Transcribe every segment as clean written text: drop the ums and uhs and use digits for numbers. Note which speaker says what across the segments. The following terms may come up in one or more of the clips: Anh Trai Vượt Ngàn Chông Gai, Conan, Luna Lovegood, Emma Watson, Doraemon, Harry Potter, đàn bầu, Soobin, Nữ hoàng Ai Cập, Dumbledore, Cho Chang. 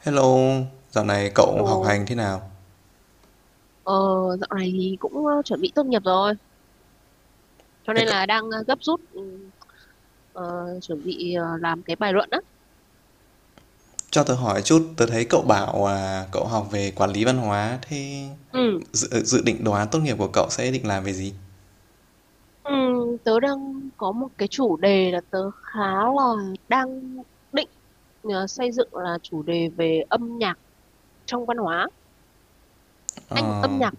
Speaker 1: Hello, dạo này cậu
Speaker 2: Ồ,
Speaker 1: học hành thế nào?
Speaker 2: ờ, dạo này thì cũng chuẩn bị tốt nghiệp rồi, cho
Speaker 1: Thế
Speaker 2: nên
Speaker 1: cậu,
Speaker 2: là đang gấp rút, ờ, chuẩn bị làm cái bài luận á.
Speaker 1: cho tớ hỏi chút, tớ thấy cậu bảo à, cậu học về quản lý văn hóa, thế
Speaker 2: Ừ.
Speaker 1: dự định đồ án tốt nghiệp của cậu sẽ định làm về gì?
Speaker 2: Ừ, tớ đang có một cái chủ đề là tớ khá là đang định xây dựng là chủ đề về âm nhạc trong văn hóa, anh âm nhạc,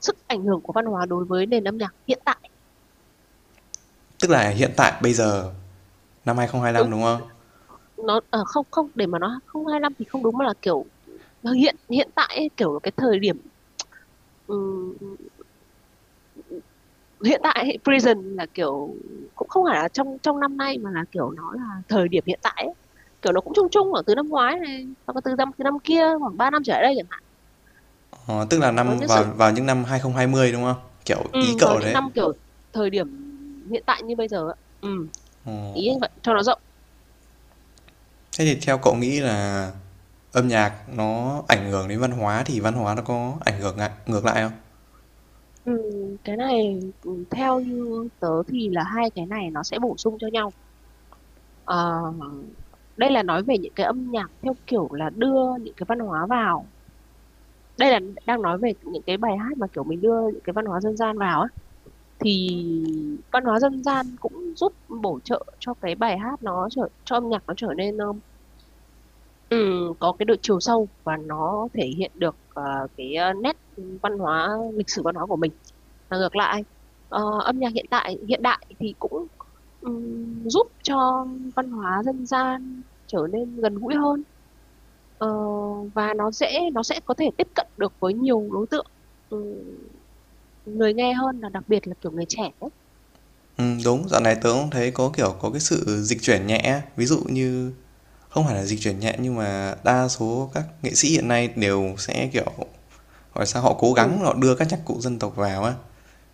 Speaker 2: sức ảnh hưởng của văn hóa đối với nền âm nhạc hiện tại.
Speaker 1: Tức là hiện tại bây giờ năm 2025
Speaker 2: Đúng,
Speaker 1: đúng không?
Speaker 2: nó không không để mà nó không 25 thì không đúng, mà là kiểu hiện hiện tại ấy, kiểu cái thời điểm, ừ, hiện tại thì Prison là kiểu cũng không phải là trong trong năm nay mà là kiểu nó là thời điểm hiện tại ấy. Kiểu nó cũng chung chung khoảng từ năm ngoái này hoặc là từ năm kia, khoảng 3 năm trở lại đây chẳng hạn,
Speaker 1: Ờ, tức là
Speaker 2: có
Speaker 1: năm
Speaker 2: những
Speaker 1: vào
Speaker 2: sự,
Speaker 1: vào những năm 2020 đúng không? Kiểu
Speaker 2: ừ,
Speaker 1: ý
Speaker 2: vào
Speaker 1: cậu
Speaker 2: những
Speaker 1: đấy.
Speaker 2: năm kiểu thời điểm hiện tại như bây giờ ạ. ừ,
Speaker 1: Ờ,
Speaker 2: ý anh vậy cho nó rộng.
Speaker 1: thế thì theo cậu nghĩ là âm nhạc nó ảnh hưởng đến văn hóa thì văn hóa nó có ảnh hưởng ngược lại không?
Speaker 2: Ừ, cái này, theo như tớ thì là hai cái này nó sẽ bổ sung cho nhau. Ờ, đây là nói về những cái âm nhạc theo kiểu là đưa những cái văn hóa vào. Đây là đang nói về những cái bài hát mà kiểu mình đưa những cái văn hóa dân gian vào á, thì văn hóa dân gian cũng giúp bổ trợ cho cái bài hát, nó trở cho âm nhạc nó trở nên, ừ, có cái độ chiều sâu và nó thể hiện được cái, nét văn hóa, lịch sử văn hóa của mình. Và ngược lại, âm nhạc hiện tại hiện đại thì cũng giúp cho văn hóa dân gian trở nên gần gũi hơn. Ờ, và nó dễ, nó sẽ có thể tiếp cận được với nhiều đối tượng, ừ, người nghe hơn, là đặc biệt là kiểu người trẻ ấy.
Speaker 1: Ừ, đúng, dạo này tớ cũng thấy có kiểu có cái sự dịch chuyển nhẹ, ví dụ như không phải là dịch chuyển nhẹ nhưng mà đa số các nghệ sĩ hiện nay đều sẽ, kiểu, hỏi sao, họ cố gắng
Speaker 2: Ừ.
Speaker 1: họ đưa các nhạc cụ dân tộc vào á.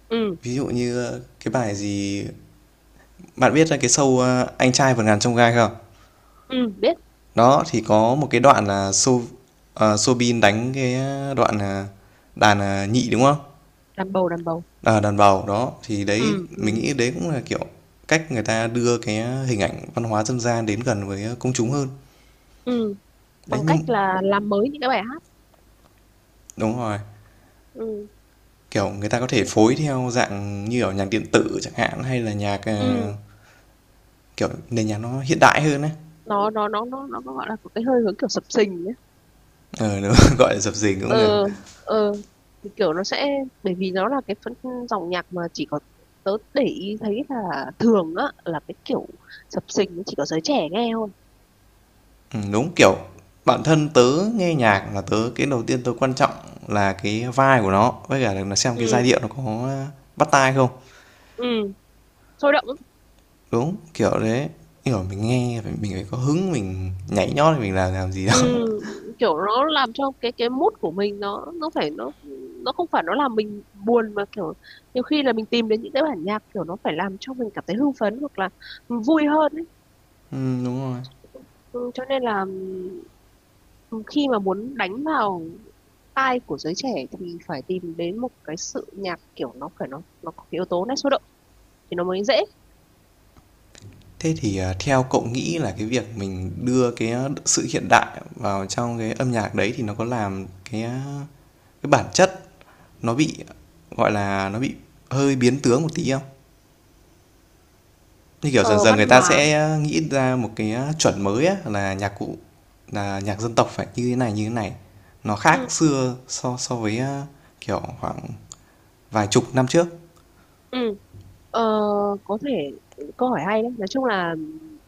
Speaker 2: Ừ.
Speaker 1: Ví dụ như cái bài gì bạn biết cái show, Anh Trai Vượt Ngàn Chông Gai không?
Speaker 2: Ừ. Biết.
Speaker 1: Đó, thì có một cái đoạn là Soobin đánh cái đoạn, à, đàn, à, nhị, đúng không?
Speaker 2: Đàn bầu, đàn bầu.
Speaker 1: Ờ, đàn bầu, đó, thì đấy
Speaker 2: Ừ. Ừ.
Speaker 1: mình nghĩ đấy cũng là, kiểu, cách người ta đưa cái hình ảnh văn hóa dân gian đến gần với công chúng hơn.
Speaker 2: Ừ.
Speaker 1: Đấy,
Speaker 2: Bằng
Speaker 1: nhưng
Speaker 2: cách là làm mới những cái bài hát.
Speaker 1: đúng rồi.
Speaker 2: Ừ.
Speaker 1: Kiểu người ta có thể phối theo dạng như ở nhạc điện tử chẳng hạn hay là nhạc
Speaker 2: Ừ.
Speaker 1: kiểu nền nhạc nó hiện đại hơn ấy.
Speaker 2: Nó gọi là có cái hơi hướng kiểu sập sình nhé.
Speaker 1: Ờ đúng, gọi là dập dình cũng được.
Speaker 2: Ờ. Ờ. Thì kiểu nó sẽ, bởi vì nó là cái dòng nhạc mà chỉ có, tớ để ý thấy là thường á là cái kiểu sập sình chỉ có giới trẻ nghe thôi.
Speaker 1: Ừ, đúng kiểu bản thân tớ nghe nhạc là tớ cái đầu tiên tớ quan trọng là cái vibe của nó với cả là xem cái giai điệu
Speaker 2: Ừ.
Speaker 1: nó có bắt tai không.
Speaker 2: Ừ. Sôi động lắm.
Speaker 1: Đúng, kiểu đấy. Kiểu mình nghe mình phải có hứng mình nhảy nhót thì mình làm gì
Speaker 2: ừ,
Speaker 1: đó.
Speaker 2: kiểu nó làm cho cái mood của mình, nó không phải nó làm mình buồn, mà kiểu nhiều khi là mình tìm đến những cái bản nhạc kiểu nó phải làm cho mình cảm thấy hưng phấn hoặc là vui hơn ấy.
Speaker 1: Ừ, đúng rồi.
Speaker 2: Ừ, cho nên là, ừ, khi mà muốn đánh vào tai của giới trẻ thì phải tìm đến một cái sự nhạc kiểu nó phải, nó có cái yếu tố nét sôi động thì nó mới dễ.
Speaker 1: Thế thì, ờ, theo cậu nghĩ là cái việc mình đưa cái, à, sự hiện đại vào trong cái âm nhạc đấy thì nó có làm cái, à, cái bản chất nó bị, gọi là, nó bị hơi biến tướng một tí không? Như kiểu dần
Speaker 2: Ờ,
Speaker 1: dần
Speaker 2: Văn
Speaker 1: người ta
Speaker 2: hóa.
Speaker 1: sẽ à, nghĩ ra một cái, à, chuẩn mới á là nhạc cụ là nhạc dân tộc phải như thế này, nó
Speaker 2: Ừ.
Speaker 1: khác xưa so so với, a, kiểu, khoảng vài chục năm trước.
Speaker 2: Ừ. Ờ, có thể câu hỏi hay đấy, nói chung là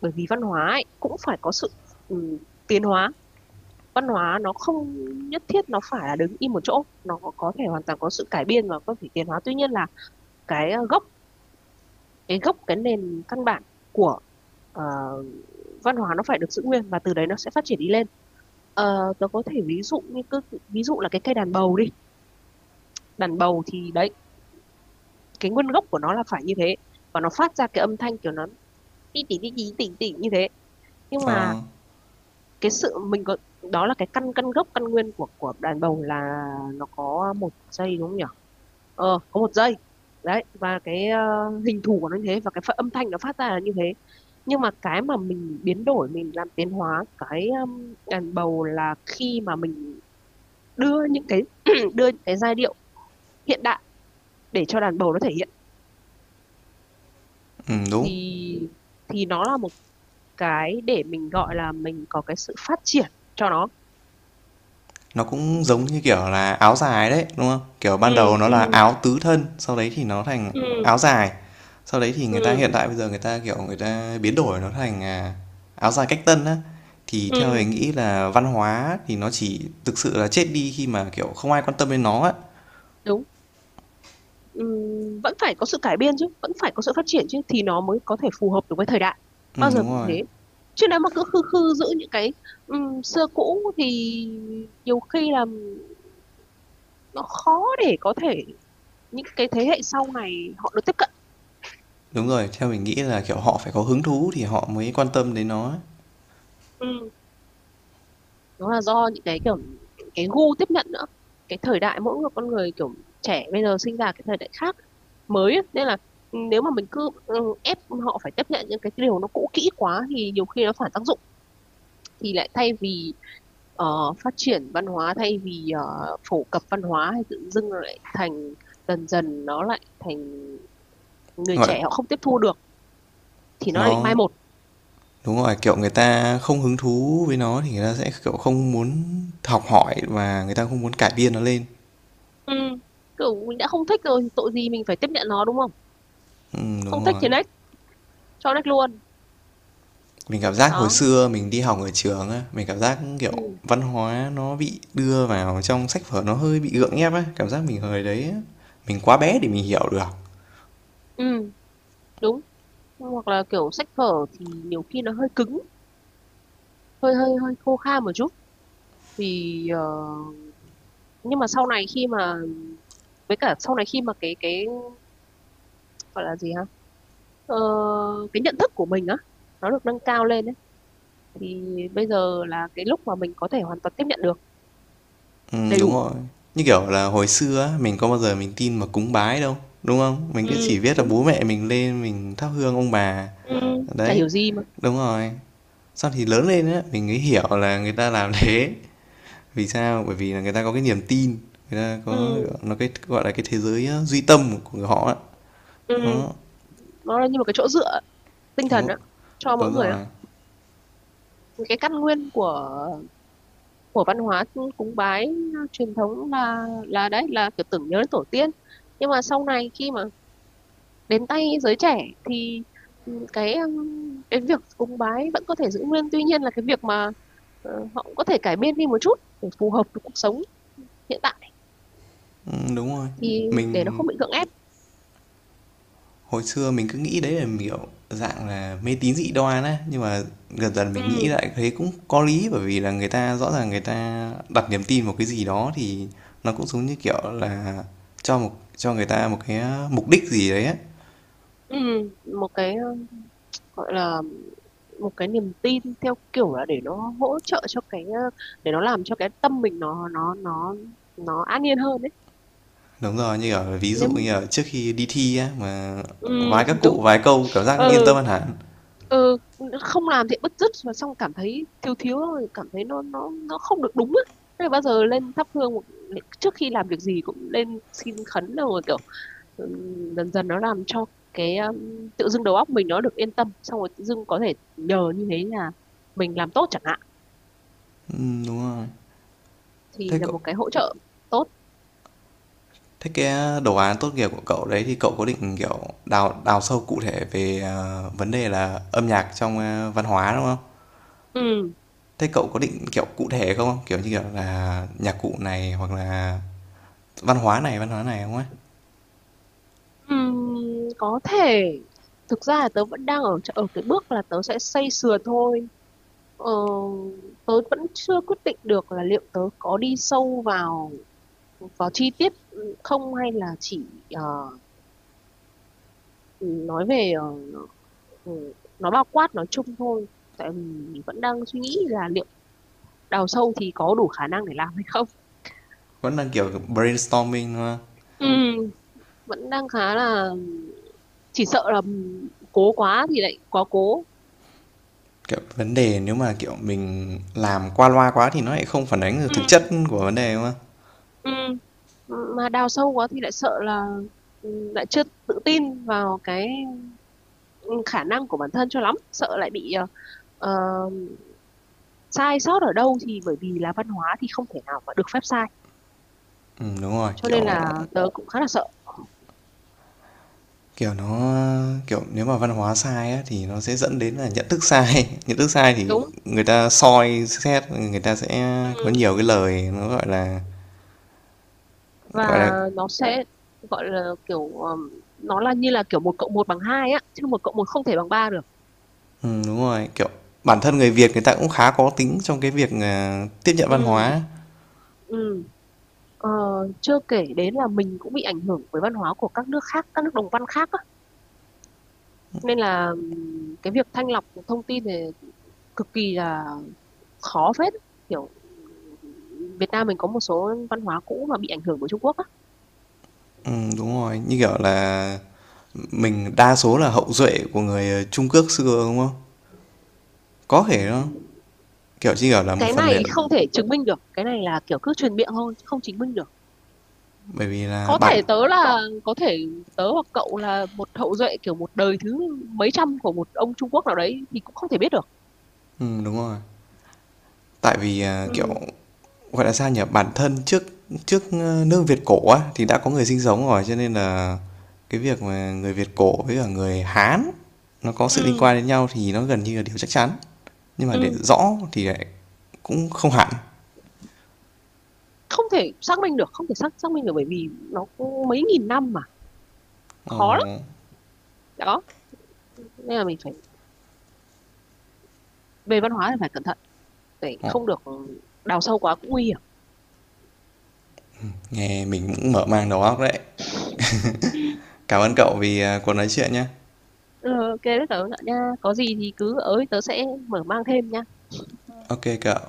Speaker 2: bởi vì văn hóa ấy, cũng phải có sự, ừ, tiến hóa. Văn hóa nó không nhất thiết nó phải là đứng im một chỗ, nó có thể hoàn toàn có sự cải biên và có thể tiến hóa. Tuy nhiên là cái ờ, gốc cái gốc cái nền căn bản của, ờ, văn hóa nó phải được giữ nguyên và từ đấy nó sẽ phát triển đi lên. Tớ có thể ví dụ như cứ ví dụ là cái cây đàn bầu đi. Đàn bầu thì đấy, cái nguyên gốc của nó là phải như thế, và nó phát ra cái âm thanh kiểu nó tí tí tí tí tỉ tỉ như thế. Nhưng mà
Speaker 1: Ờ,
Speaker 2: cái sự mình có, đó là cái căn căn gốc, căn nguyên của đàn bầu là nó có một dây đúng không nhỉ. Ờ, có một dây, đấy, và cái, hình thù của nó như thế, và cái âm thanh nó phát ra là như thế. Nhưng mà cái mà mình biến đổi, mình làm tiến hóa cái, đàn bầu là khi mà mình đưa những cái đưa những cái giai điệu hiện đại để cho đàn bầu nó thể hiện.
Speaker 1: đúng.
Speaker 2: Thì thì nó là một cái để mình gọi là mình có cái sự phát triển cho nó.
Speaker 1: Nó cũng giống như kiểu là áo dài đấy, đúng không? Kiểu ban đầu
Speaker 2: Ừ.
Speaker 1: nó
Speaker 2: Ừ.
Speaker 1: là áo tứ thân, sau đấy thì nó thành
Speaker 2: Ừ.
Speaker 1: áo dài. Sau đấy thì người ta
Speaker 2: Ừ.
Speaker 1: hiện tại bây giờ người ta kiểu người ta biến đổi nó thành à, áo dài cách tân á. Thì theo mình
Speaker 2: Ừ,
Speaker 1: nghĩ là văn hóa thì nó chỉ thực sự là chết đi khi mà kiểu không ai quan tâm đến nó á.
Speaker 2: đúng. Ừ, vẫn phải có sự cải biên chứ, vẫn phải có sự phát triển chứ thì nó mới có thể phù hợp được với thời đại.
Speaker 1: Ừ
Speaker 2: Bao giờ
Speaker 1: đúng
Speaker 2: cũng
Speaker 1: rồi.
Speaker 2: thế. Chứ nếu mà cứ khư khư giữ những cái, xưa cũ thì nhiều khi là nó khó để có thể những cái thế hệ sau này họ được tiếp cận.
Speaker 1: Đúng rồi, theo mình nghĩ là kiểu họ phải có hứng thú thì họ mới quan tâm đến nó.
Speaker 2: Ừ, đó là do những cái kiểu cái gu tiếp nhận nữa. Cái thời đại mỗi người, con người kiểu trẻ bây giờ sinh ra cái thời đại khác mới ấy. Nên là, nếu mà mình cứ, ép họ phải tiếp nhận những cái điều nó cũ kỹ quá thì nhiều khi nó phản tác dụng, thì lại thay vì ờ, phát triển văn hóa, thay vì phổ cập văn hóa, thì tự dưng nó lại thành, dần dần nó lại thành người
Speaker 1: Gọi
Speaker 2: trẻ họ không tiếp thu được thì nó lại bị mai
Speaker 1: nó
Speaker 2: một.
Speaker 1: Đúng rồi, kiểu, người ta không hứng thú với nó thì người ta sẽ, kiểu, không muốn học hỏi và người ta không muốn cải biên nó lên.
Speaker 2: Ừ. Kiểu mình đã không thích rồi thì tội gì mình phải tiếp nhận nó, đúng không.
Speaker 1: Đúng
Speaker 2: Không thích
Speaker 1: rồi.
Speaker 2: thì next, cho next luôn.
Speaker 1: Mình cảm giác hồi
Speaker 2: Đó.
Speaker 1: xưa mình đi học ở trường á, mình cảm giác, kiểu,
Speaker 2: Ừ.
Speaker 1: văn hóa nó bị đưa vào trong sách vở nó hơi bị gượng ép á, cảm giác mình hồi đấy á, mình quá bé để mình hiểu được.
Speaker 2: Ừ, đúng. Hoặc là kiểu sách vở thì nhiều khi nó hơi cứng, hơi hơi hơi khô khan một chút. Thì, nhưng mà sau này khi mà với cả sau này khi mà, cái gọi là gì ha, ờ, cái nhận thức của mình á, nó được nâng cao lên ấy. Thì bây giờ là cái lúc mà mình có thể hoàn toàn tiếp nhận được đầy
Speaker 1: Đúng
Speaker 2: đủ.
Speaker 1: rồi. Như kiểu là hồi xưa á, mình có bao giờ mình tin mà cúng bái đâu, đúng không? Mình
Speaker 2: Ừ,
Speaker 1: cứ chỉ biết là
Speaker 2: đúng.
Speaker 1: bố mẹ mình lên mình thắp hương ông bà,
Speaker 2: Ừ, chả
Speaker 1: đấy.
Speaker 2: hiểu gì mà.
Speaker 1: Đúng rồi. Sau thì lớn lên á, mình mới hiểu là người ta làm thế vì sao? Bởi vì là người ta có cái niềm tin, người ta có
Speaker 2: Ừ.
Speaker 1: nó cái gọi là cái thế giới duy tâm của người họ á.
Speaker 2: Ừ.
Speaker 1: Đó,
Speaker 2: Nó là như một cái chỗ dựa tinh
Speaker 1: đúng
Speaker 2: thần
Speaker 1: không?
Speaker 2: á, cho mỗi
Speaker 1: Đúng
Speaker 2: người á.
Speaker 1: rồi.
Speaker 2: Cái căn nguyên của văn hóa cúng bái truyền thống là đấy, là kiểu tưởng nhớ đến tổ tiên. Nhưng mà sau này khi mà đến tay giới trẻ thì, cái việc cúng bái vẫn có thể giữ nguyên, tuy nhiên là cái việc mà họ cũng có thể cải biên đi một chút để phù hợp với cuộc sống hiện tại,
Speaker 1: Đúng rồi.
Speaker 2: thì để nó
Speaker 1: Mình
Speaker 2: không bị gượng ép.
Speaker 1: hồi xưa mình cứ nghĩ đấy là kiểu dạng là mê tín dị đoan á, nhưng mà dần dần mình nghĩ
Speaker 2: Ừ.
Speaker 1: lại thấy cũng có lý bởi vì là người ta rõ ràng người ta đặt niềm tin vào cái gì đó thì nó cũng giống như kiểu là cho một cho người ta một cái mục đích gì đấy á.
Speaker 2: Ừ, một cái, gọi là một cái niềm tin theo kiểu là để nó hỗ trợ cho cái, để nó làm cho cái tâm mình, nó an yên hơn đấy.
Speaker 1: Đúng rồi, như ở ví dụ
Speaker 2: nếu
Speaker 1: như ở trước khi đi thi á, mà
Speaker 2: ừ,
Speaker 1: vái các
Speaker 2: Đúng.
Speaker 1: cụ vái câu cảm giác yên tâm
Speaker 2: Ừ.
Speaker 1: hơn hẳn.
Speaker 2: Ừ. Không làm thì bứt rứt, mà xong cảm thấy thiếu thiếu rồi, cảm thấy, nó không được đúng á. Thế là bao giờ lên thắp hương trước khi làm việc gì cũng lên xin khấn rồi kiểu. Ừ, dần dần nó làm cho cái, tự dưng đầu óc mình nó được yên tâm, xong rồi tự dưng có thể nhờ như thế là mình làm tốt chẳng hạn,
Speaker 1: Đúng rồi.
Speaker 2: thì
Speaker 1: Thế
Speaker 2: là
Speaker 1: cậu
Speaker 2: một cái hỗ trợ tốt.
Speaker 1: Thế cái à, đồ án tốt nghiệp của cậu đấy thì cậu có định, kiểu, đào đào sâu cụ thể về, ờ, vấn đề là âm nhạc trong, a, văn hóa, đúng không?
Speaker 2: Ừ.
Speaker 1: Thế cậu có định, kiểu, cụ thể không? Kiểu như, kiểu là, nhạc cụ này hoặc là văn hóa này không ấy?
Speaker 2: Ừ, có thể. Thực ra là tớ vẫn đang ở ở cái bước là tớ sẽ xây sửa thôi. Ờ, tớ vẫn chưa quyết định được là liệu tớ có đi sâu vào vào chi tiết không, hay là chỉ ờ, nói về, uh, nó bao quát nói chung thôi, tại vì vẫn đang suy nghĩ là liệu đào sâu thì có đủ khả năng để làm hay không.
Speaker 1: Vẫn đang, kiểu, brainstorming, đúng không?
Speaker 2: Ừ, vẫn đang khá là, chỉ sợ là cố quá thì lại quá cố.
Speaker 1: Kiểu, vấn đề nếu mà, kiểu, mình làm qua loa quá thì nó lại không phản ánh được
Speaker 2: Ừ.
Speaker 1: thực chất của vấn đề, đúng không?
Speaker 2: Ừ. Mà đào sâu quá thì lại sợ là, ừ, lại chưa tự tin vào cái khả năng của bản thân cho lắm, sợ lại bị, ờ, sai sót ở đâu thì, bởi vì là văn hóa thì không thể nào mà được phép sai,
Speaker 1: Đúng rồi,
Speaker 2: cho
Speaker 1: kiểu,
Speaker 2: nên là tớ cũng khá là sợ.
Speaker 1: kiểu, nó, kiểu, nếu mà văn hóa sai á thì nó sẽ dẫn đến là nhận thức sai. Nhận thức sai thì
Speaker 2: Đúng.
Speaker 1: người ta soi xét, người ta sẽ có
Speaker 2: Ừ.
Speaker 1: nhiều cái lời nó, gọi là, gọi
Speaker 2: Và
Speaker 1: là
Speaker 2: nó sẽ gọi là kiểu, nó là như là kiểu một cộng một bằng hai á, chứ một cộng một không thể bằng ba được.
Speaker 1: đúng rồi, kiểu, bản thân người Việt người ta cũng khá có tính trong cái việc, ờ, tiếp nhận văn
Speaker 2: Ừ.
Speaker 1: hóa.
Speaker 2: Ừ. Ờ, Chưa kể đến là mình cũng bị ảnh hưởng bởi văn hóa của các nước khác, các nước đồng văn khác á. Nên là, cái việc thanh lọc thông tin thì cực kỳ là khó phết, kiểu Việt Nam mình có một số văn hóa cũ mà bị ảnh hưởng bởi Trung Quốc á.
Speaker 1: Đúng rồi, như kiểu là, mình đa số là hậu duệ của người, ờ, Trung Quốc xưa, đúng không? Có thể đó,
Speaker 2: Ừ.
Speaker 1: kiểu, chỉ kiểu là, một
Speaker 2: Cái
Speaker 1: phần để
Speaker 2: này không thể chứng minh được, cái này là kiểu cứ truyền miệng thôi chứ không chứng minh được.
Speaker 1: bởi vì là bản
Speaker 2: Có thể tớ hoặc cậu là một hậu duệ kiểu một đời thứ mấy trăm của một ông Trung Quốc nào đấy thì cũng không thể biết được.
Speaker 1: đúng rồi, tại vì, à, kiểu
Speaker 2: Ừ.
Speaker 1: gọi là sao nhỉ bản thân trước trước ờ, nước Việt cổ á thì đã có người sinh sống rồi cho nên là cái việc mà người Việt cổ với cả người Hán nó có sự liên
Speaker 2: Ừ.
Speaker 1: quan đến nhau thì nó gần như là điều chắc chắn nhưng mà để
Speaker 2: Ừ.
Speaker 1: rõ thì lại cũng không hẳn.
Speaker 2: Không thể xác minh được, không thể xác xác minh được, bởi vì nó cũng mấy nghìn năm mà,
Speaker 1: Ờ,
Speaker 2: khó lắm. Đó, nên là mình phải, về văn hóa thì phải cẩn thận, để
Speaker 1: ờ,
Speaker 2: không được đào sâu quá cũng nguy hiểm.
Speaker 1: nghe mình cũng mở mang đầu óc đấy. Cảm ơn cậu vì cuộc nói chuyện nhé.
Speaker 2: Ừ, ok đấy tớ nha, có gì thì cứ ở tớ sẽ mở mang thêm nha.
Speaker 1: Ok cậu,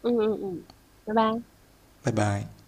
Speaker 2: Ừ. Ừ. Ừ. Bye bye.
Speaker 1: bye bye.